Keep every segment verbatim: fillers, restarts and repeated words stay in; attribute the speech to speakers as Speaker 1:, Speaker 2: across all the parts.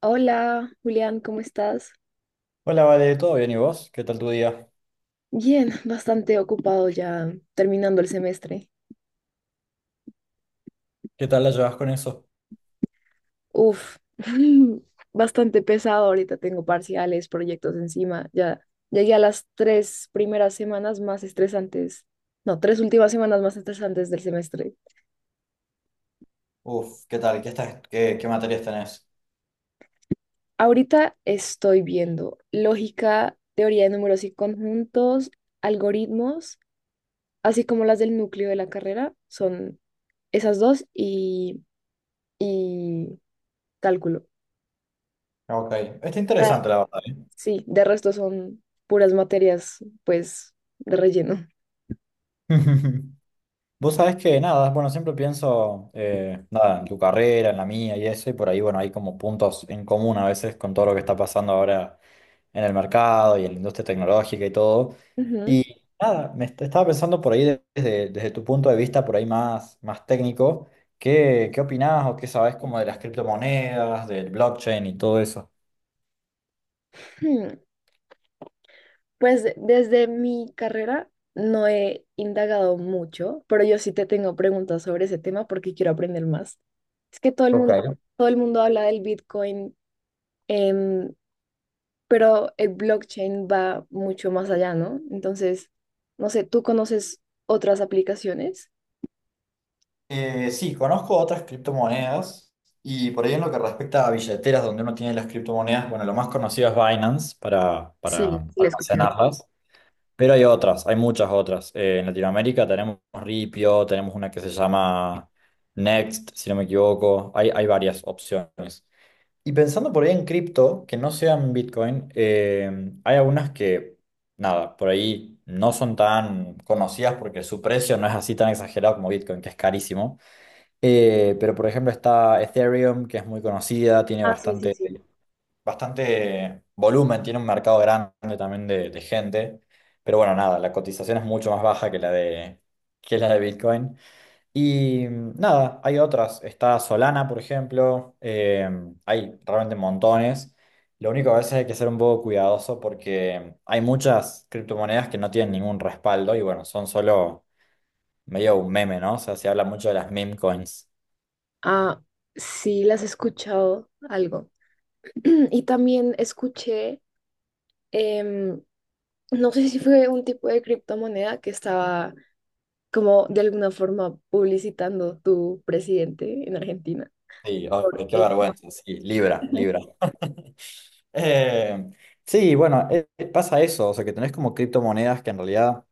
Speaker 1: Hola, Julián, ¿cómo estás?
Speaker 2: Hola, Vale, ¿todo bien? ¿Y vos? ¿Qué tal tu día?
Speaker 1: Bien, bastante ocupado ya terminando el semestre.
Speaker 2: ¿Qué tal la llevas con eso?
Speaker 1: Uf, bastante pesado. Ahorita tengo parciales, proyectos encima. Ya llegué a las tres primeras semanas más estresantes. No, tres últimas semanas más estresantes del semestre.
Speaker 2: Uf, ¿qué tal? ¿Qué estás? ¿Qué, qué materias tenés?
Speaker 1: Ahorita estoy viendo lógica, teoría de números y conjuntos, algoritmos, así como las del núcleo de la carrera. Son esas dos y, y cálculo.
Speaker 2: Ok, está interesante la verdad, ¿eh?
Speaker 1: Sí, de resto son puras materias, pues, de relleno.
Speaker 2: Vos sabés que nada, bueno, siempre pienso eh, nada, en tu carrera, en la mía y eso, y por ahí, bueno, hay como puntos en común a veces con todo lo que está pasando ahora en el mercado y en la industria tecnológica y todo.
Speaker 1: Ujú.
Speaker 2: Y nada, me est- estaba pensando por ahí de- desde, desde tu punto de vista, por ahí más, más técnico, ¿qué, qué opinás o qué sabés como de las criptomonedas, del blockchain y todo eso?
Speaker 1: Hmm, Pues de- desde mi carrera no he indagado mucho, pero yo sí te tengo preguntas sobre ese tema porque quiero aprender más. Es que todo el mundo,
Speaker 2: Ok.
Speaker 1: todo el mundo habla del Bitcoin, em, pero el blockchain va mucho más allá, ¿no? Entonces, no sé, ¿tú conoces otras aplicaciones?
Speaker 2: Eh, sí, conozco otras criptomonedas y por ahí en lo que respecta a billeteras donde uno tiene las criptomonedas, bueno, lo más conocido es Binance para,
Speaker 1: Sí,
Speaker 2: para
Speaker 1: sí, la he escuchado.
Speaker 2: almacenarlas. Pero hay otras, hay muchas otras. Eh, en Latinoamérica tenemos Ripio, tenemos una que se llama Next, si no me equivoco. Hay, hay varias opciones. Y pensando por ahí en cripto, que no sean Bitcoin, eh, hay algunas que, nada, por ahí no son tan conocidas porque su precio no es así tan exagerado como Bitcoin, que es carísimo. Eh, pero por ejemplo está Ethereum, que es muy conocida, tiene bastante bastante volumen, tiene un mercado grande también de, de gente, pero bueno, nada, la cotización es mucho más baja que la de, que la de Bitcoin. Y mm, nada, hay otras, está Solana, por ejemplo, eh, hay realmente montones. Lo único que a veces hay que ser un poco cuidadoso porque hay muchas criptomonedas que no tienen ningún respaldo y bueno, son solo medio un meme, ¿no? O sea, se habla mucho de las meme coins.
Speaker 1: Ah, sí, las he escuchado algo. Y también escuché, em, no sé si fue un tipo de criptomoneda que estaba como de alguna forma publicitando tu presidente en Argentina.
Speaker 2: Sí, ay,
Speaker 1: Por
Speaker 2: qué
Speaker 1: X.
Speaker 2: vergüenza, sí, Libra, Libra. Eh, sí, bueno, eh, eh, pasa eso, o sea que tenés como criptomonedas que en realidad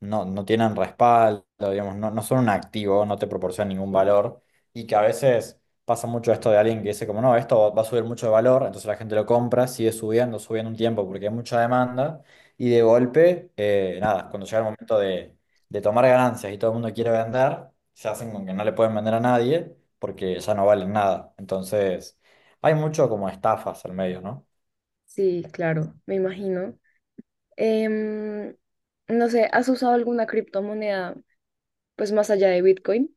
Speaker 2: no, no tienen respaldo, digamos, no, no son un activo, no te proporcionan ningún valor y que a veces pasa mucho esto de alguien que dice como no, esto va a subir mucho de valor, entonces la gente lo compra, sigue subiendo, subiendo un tiempo porque hay mucha demanda y de golpe, eh, nada, cuando llega el momento de, de tomar ganancias y todo el mundo quiere vender, se hacen con que no le pueden vender a nadie porque ya no valen nada, entonces hay mucho como estafas al medio, ¿no?
Speaker 1: Sí, claro, me imagino. Em, no sé, ¿has usado alguna criptomoneda pues más allá de Bitcoin?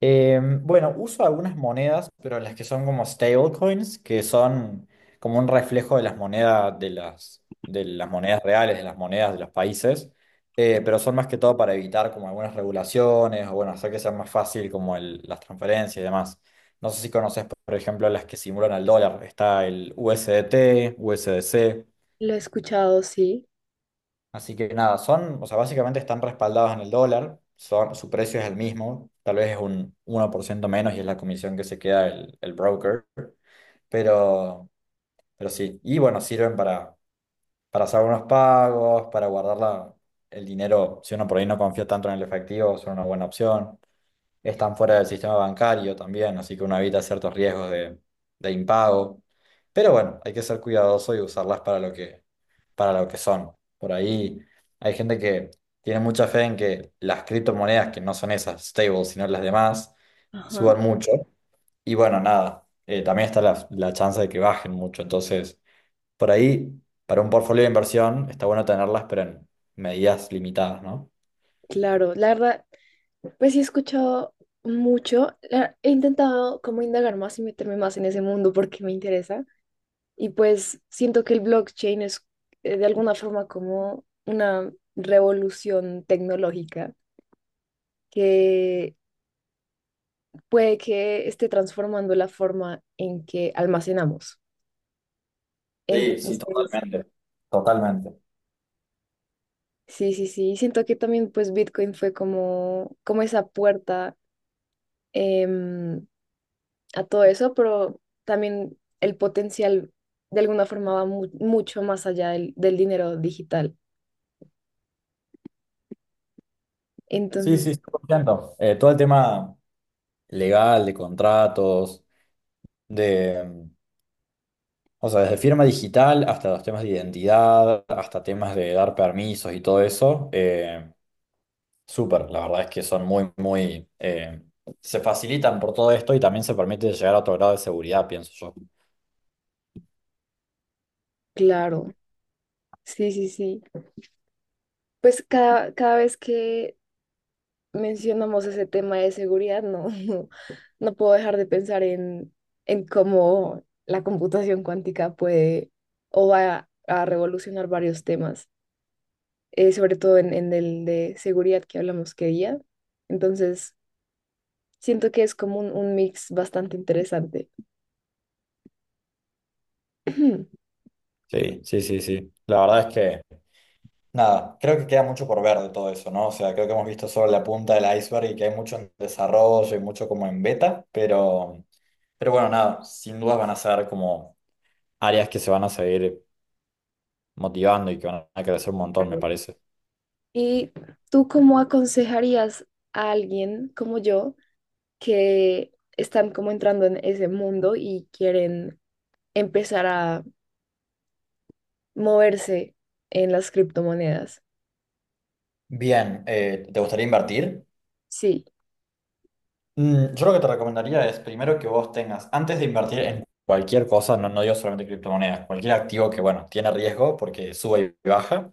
Speaker 2: Em, bueno, uso algunas monedas, pero las que son como stablecoins, que son como un reflejo de las monedas de las, de las monedas reales, de las monedas de los países, eh, pero son más que todo para evitar como algunas regulaciones o bueno, hacer que sea más fácil como el- las transferencias y demás. No sé si conoces, por ejemplo, las que simulan al dólar. Está el U S D T, U S D C.
Speaker 1: Lo he escuchado, sí.
Speaker 2: Así que nada, son, o sea, básicamente están respaldados en el dólar, son, su precio es el mismo, tal vez es un uno por ciento menos y es la comisión que se queda el, el broker, pero, pero sí, y bueno, sirven para, para hacer unos pagos, para guardar la- el dinero, si uno por ahí no confía tanto en el efectivo, son una buena opción. Están fuera del sistema bancario también, así que uno evita ciertos riesgos de, de impago. Pero bueno, hay que ser cuidadoso y usarlas para lo que, para lo que son. Por ahí hay gente que tiene mucha fe en que las criptomonedas, que no son esas stables, sino las demás,
Speaker 1: Ajá.
Speaker 2: suban mucho. Y bueno, nada, eh, también está la, la chance de que bajen mucho. Entonces, por ahí, para un portfolio de inversión, está bueno tenerlas, pero en medidas limitadas, ¿no?
Speaker 1: Claro, la verdad, pues sí he escuchado mucho. La- he intentado como indagar más y meterme más en ese mundo porque me interesa. Y pues siento que el blockchain es eh, de alguna forma como una revolución tecnológica que puede que esté transformando la forma en que almacenamos.
Speaker 2: Sí, sí,
Speaker 1: Entonces,
Speaker 2: totalmente. Totalmente.
Speaker 1: sí, sí, sí, siento que también pues Bitcoin fue como, como esa puerta, em, a todo eso, pero también el potencial de alguna forma va mu- mucho más allá del del dinero digital.
Speaker 2: Sí, sí,
Speaker 1: Entonces,
Speaker 2: estoy contento. Eh, todo el tema legal, de contratos, de, mm, o sea, desde firma digital hasta los temas de identidad, hasta temas de dar permisos y todo eso, eh, súper, la verdad es que son muy, muy, eh, se facilitan por todo esto y también se permite llegar a otro grado de seguridad, pienso yo.
Speaker 1: claro, sí, sí, sí. Pues cada, cada vez que mencionamos ese tema de seguridad, no, no puedo dejar de pensar en, en cómo la computación cuántica puede o va a revolucionar varios temas, eh, sobre todo en, en el de seguridad que hablamos que día. Entonces, siento que es como un, un mix bastante interesante.
Speaker 2: Sí, sí, sí, sí. La verdad es que nada, creo que queda mucho por ver de todo eso, ¿no? O sea, creo que hemos visto solo la punta del iceberg y que hay mucho en desarrollo y mucho como en beta, pero, pero bueno, nada, sin dudas van a ser como áreas que se van a seguir motivando y que van a crecer un montón, me
Speaker 1: Claro.
Speaker 2: parece.
Speaker 1: ¿Y tú cómo aconsejarías a alguien como yo que están como entrando en ese mundo y quieren empezar a moverse en las criptomonedas?
Speaker 2: Bien, eh, ¿te gustaría invertir?
Speaker 1: Sí.
Speaker 2: Mm, yo lo que te recomendaría es primero que vos tengas, antes de invertir en cualquier cosa, no, no digo solamente criptomonedas, cualquier activo que, bueno, tiene riesgo porque sube y baja,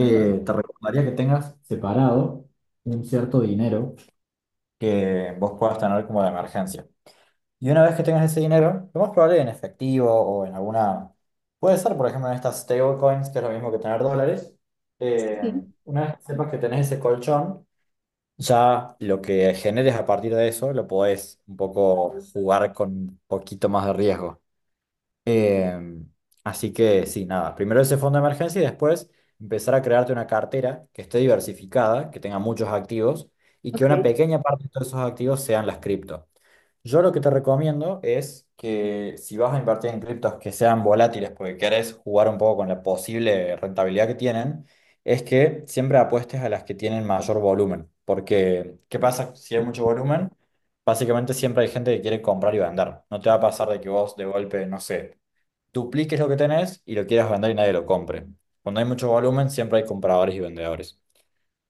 Speaker 1: Ajá.
Speaker 2: te recomendaría que tengas separado un cierto dinero que vos puedas tener como de emergencia. Y una vez que tengas ese dinero, lo más probable en efectivo o en alguna, puede ser por ejemplo en estas stablecoins, que es lo mismo que tener dólares, eh,
Speaker 1: Sí.
Speaker 2: una vez que sepas que tenés ese colchón, ya lo que generes a partir de eso lo podés un poco jugar con un poquito más de riesgo. Em, Así que sí, nada, primero ese fondo de emergencia y después empezar a crearte una cartera que esté diversificada, que tenga muchos activos y que
Speaker 1: Ok.
Speaker 2: una pequeña parte de todos esos activos sean las cripto. Yo lo que te recomiendo es que si vas a invertir en criptos que sean volátiles porque querés jugar un poco con la posible rentabilidad que tienen, es que siempre apuestes a las que tienen mayor volumen. Porque, ¿qué pasa si hay mucho volumen? Básicamente siempre hay gente que quiere comprar y vender. No te va a pasar de que vos de golpe, no sé, dupliques lo que tenés y lo quieras vender y nadie lo compre. Cuando hay mucho volumen, siempre hay compradores y vendedores.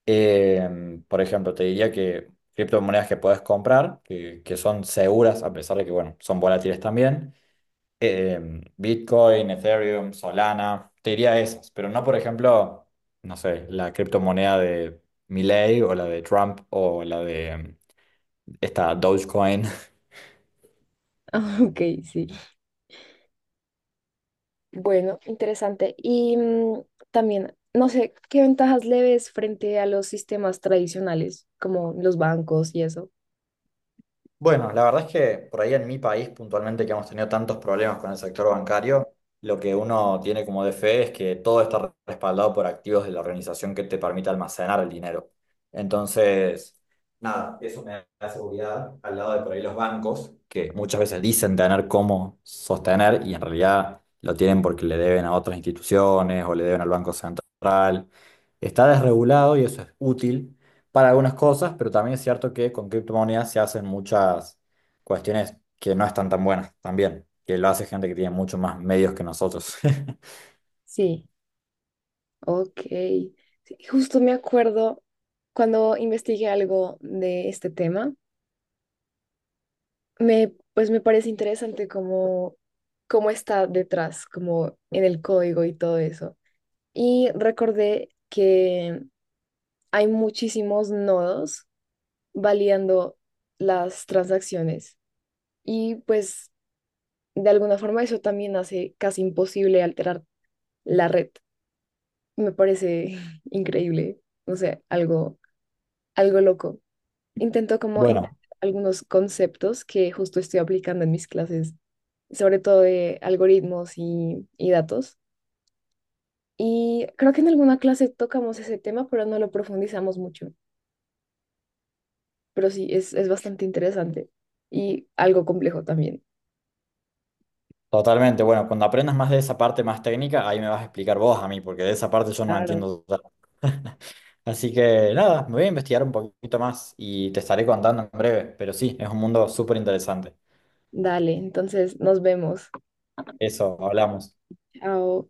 Speaker 2: Eh, por ejemplo, te diría que criptomonedas que puedes comprar, que, que son seguras, a pesar de que, bueno, son volátiles también, eh, Bitcoin, Ethereum, Solana, te diría esas, pero no, por ejemplo, no sé, la criptomoneda de Milei o la de Trump o la de mm, esta Dogecoin.
Speaker 1: Ah, ok, sí. Bueno, interesante. Y mm, también, no sé, ¿qué ventajas le ves frente a los sistemas tradicionales, como los bancos y eso?
Speaker 2: Bueno, la verdad es que por ahí en mi país puntualmente que hemos tenido tantos problemas con el sector bancario, lo que uno tiene como de fe es que todo está respaldado por activos de la organización que te permite almacenar el dinero. Entonces, nada, eso me da seguridad al lado de por ahí los bancos, que muchas veces dicen tener cómo sostener y en realidad lo tienen porque le deben a otras instituciones o le deben al Banco Central. Está desregulado y eso es útil para algunas cosas, pero también es cierto que con criptomonedas se hacen muchas cuestiones que no están tan buenas también, que lo hace gente que tiene mucho más medios que nosotros.
Speaker 1: Sí. Ok. Sí, justo me acuerdo cuando investigué algo de este tema, me, pues me parece interesante cómo, cómo está detrás, como en el código y todo eso. Y recordé que hay muchísimos nodos validando las transacciones y pues de alguna forma eso también hace casi imposible alterar la red. Me parece increíble, no sé, algo, algo loco. Intento como integrar
Speaker 2: Bueno,
Speaker 1: algunos conceptos que justo estoy aplicando en mis clases, sobre todo de algoritmos y, y datos. Y creo que en alguna clase tocamos ese tema, pero no lo profundizamos mucho. Pero sí, es, es bastante interesante y algo complejo también.
Speaker 2: totalmente. Bueno, cuando aprendas más de esa parte más técnica, ahí me vas a explicar vos a mí, porque de esa parte yo no
Speaker 1: Claro.
Speaker 2: entiendo total. Así que nada, me voy a investigar un poquito más y te estaré contando en breve, pero sí, es un mundo súper interesante.
Speaker 1: Dale, entonces nos vemos.
Speaker 2: Eso, hablamos.
Speaker 1: Chao.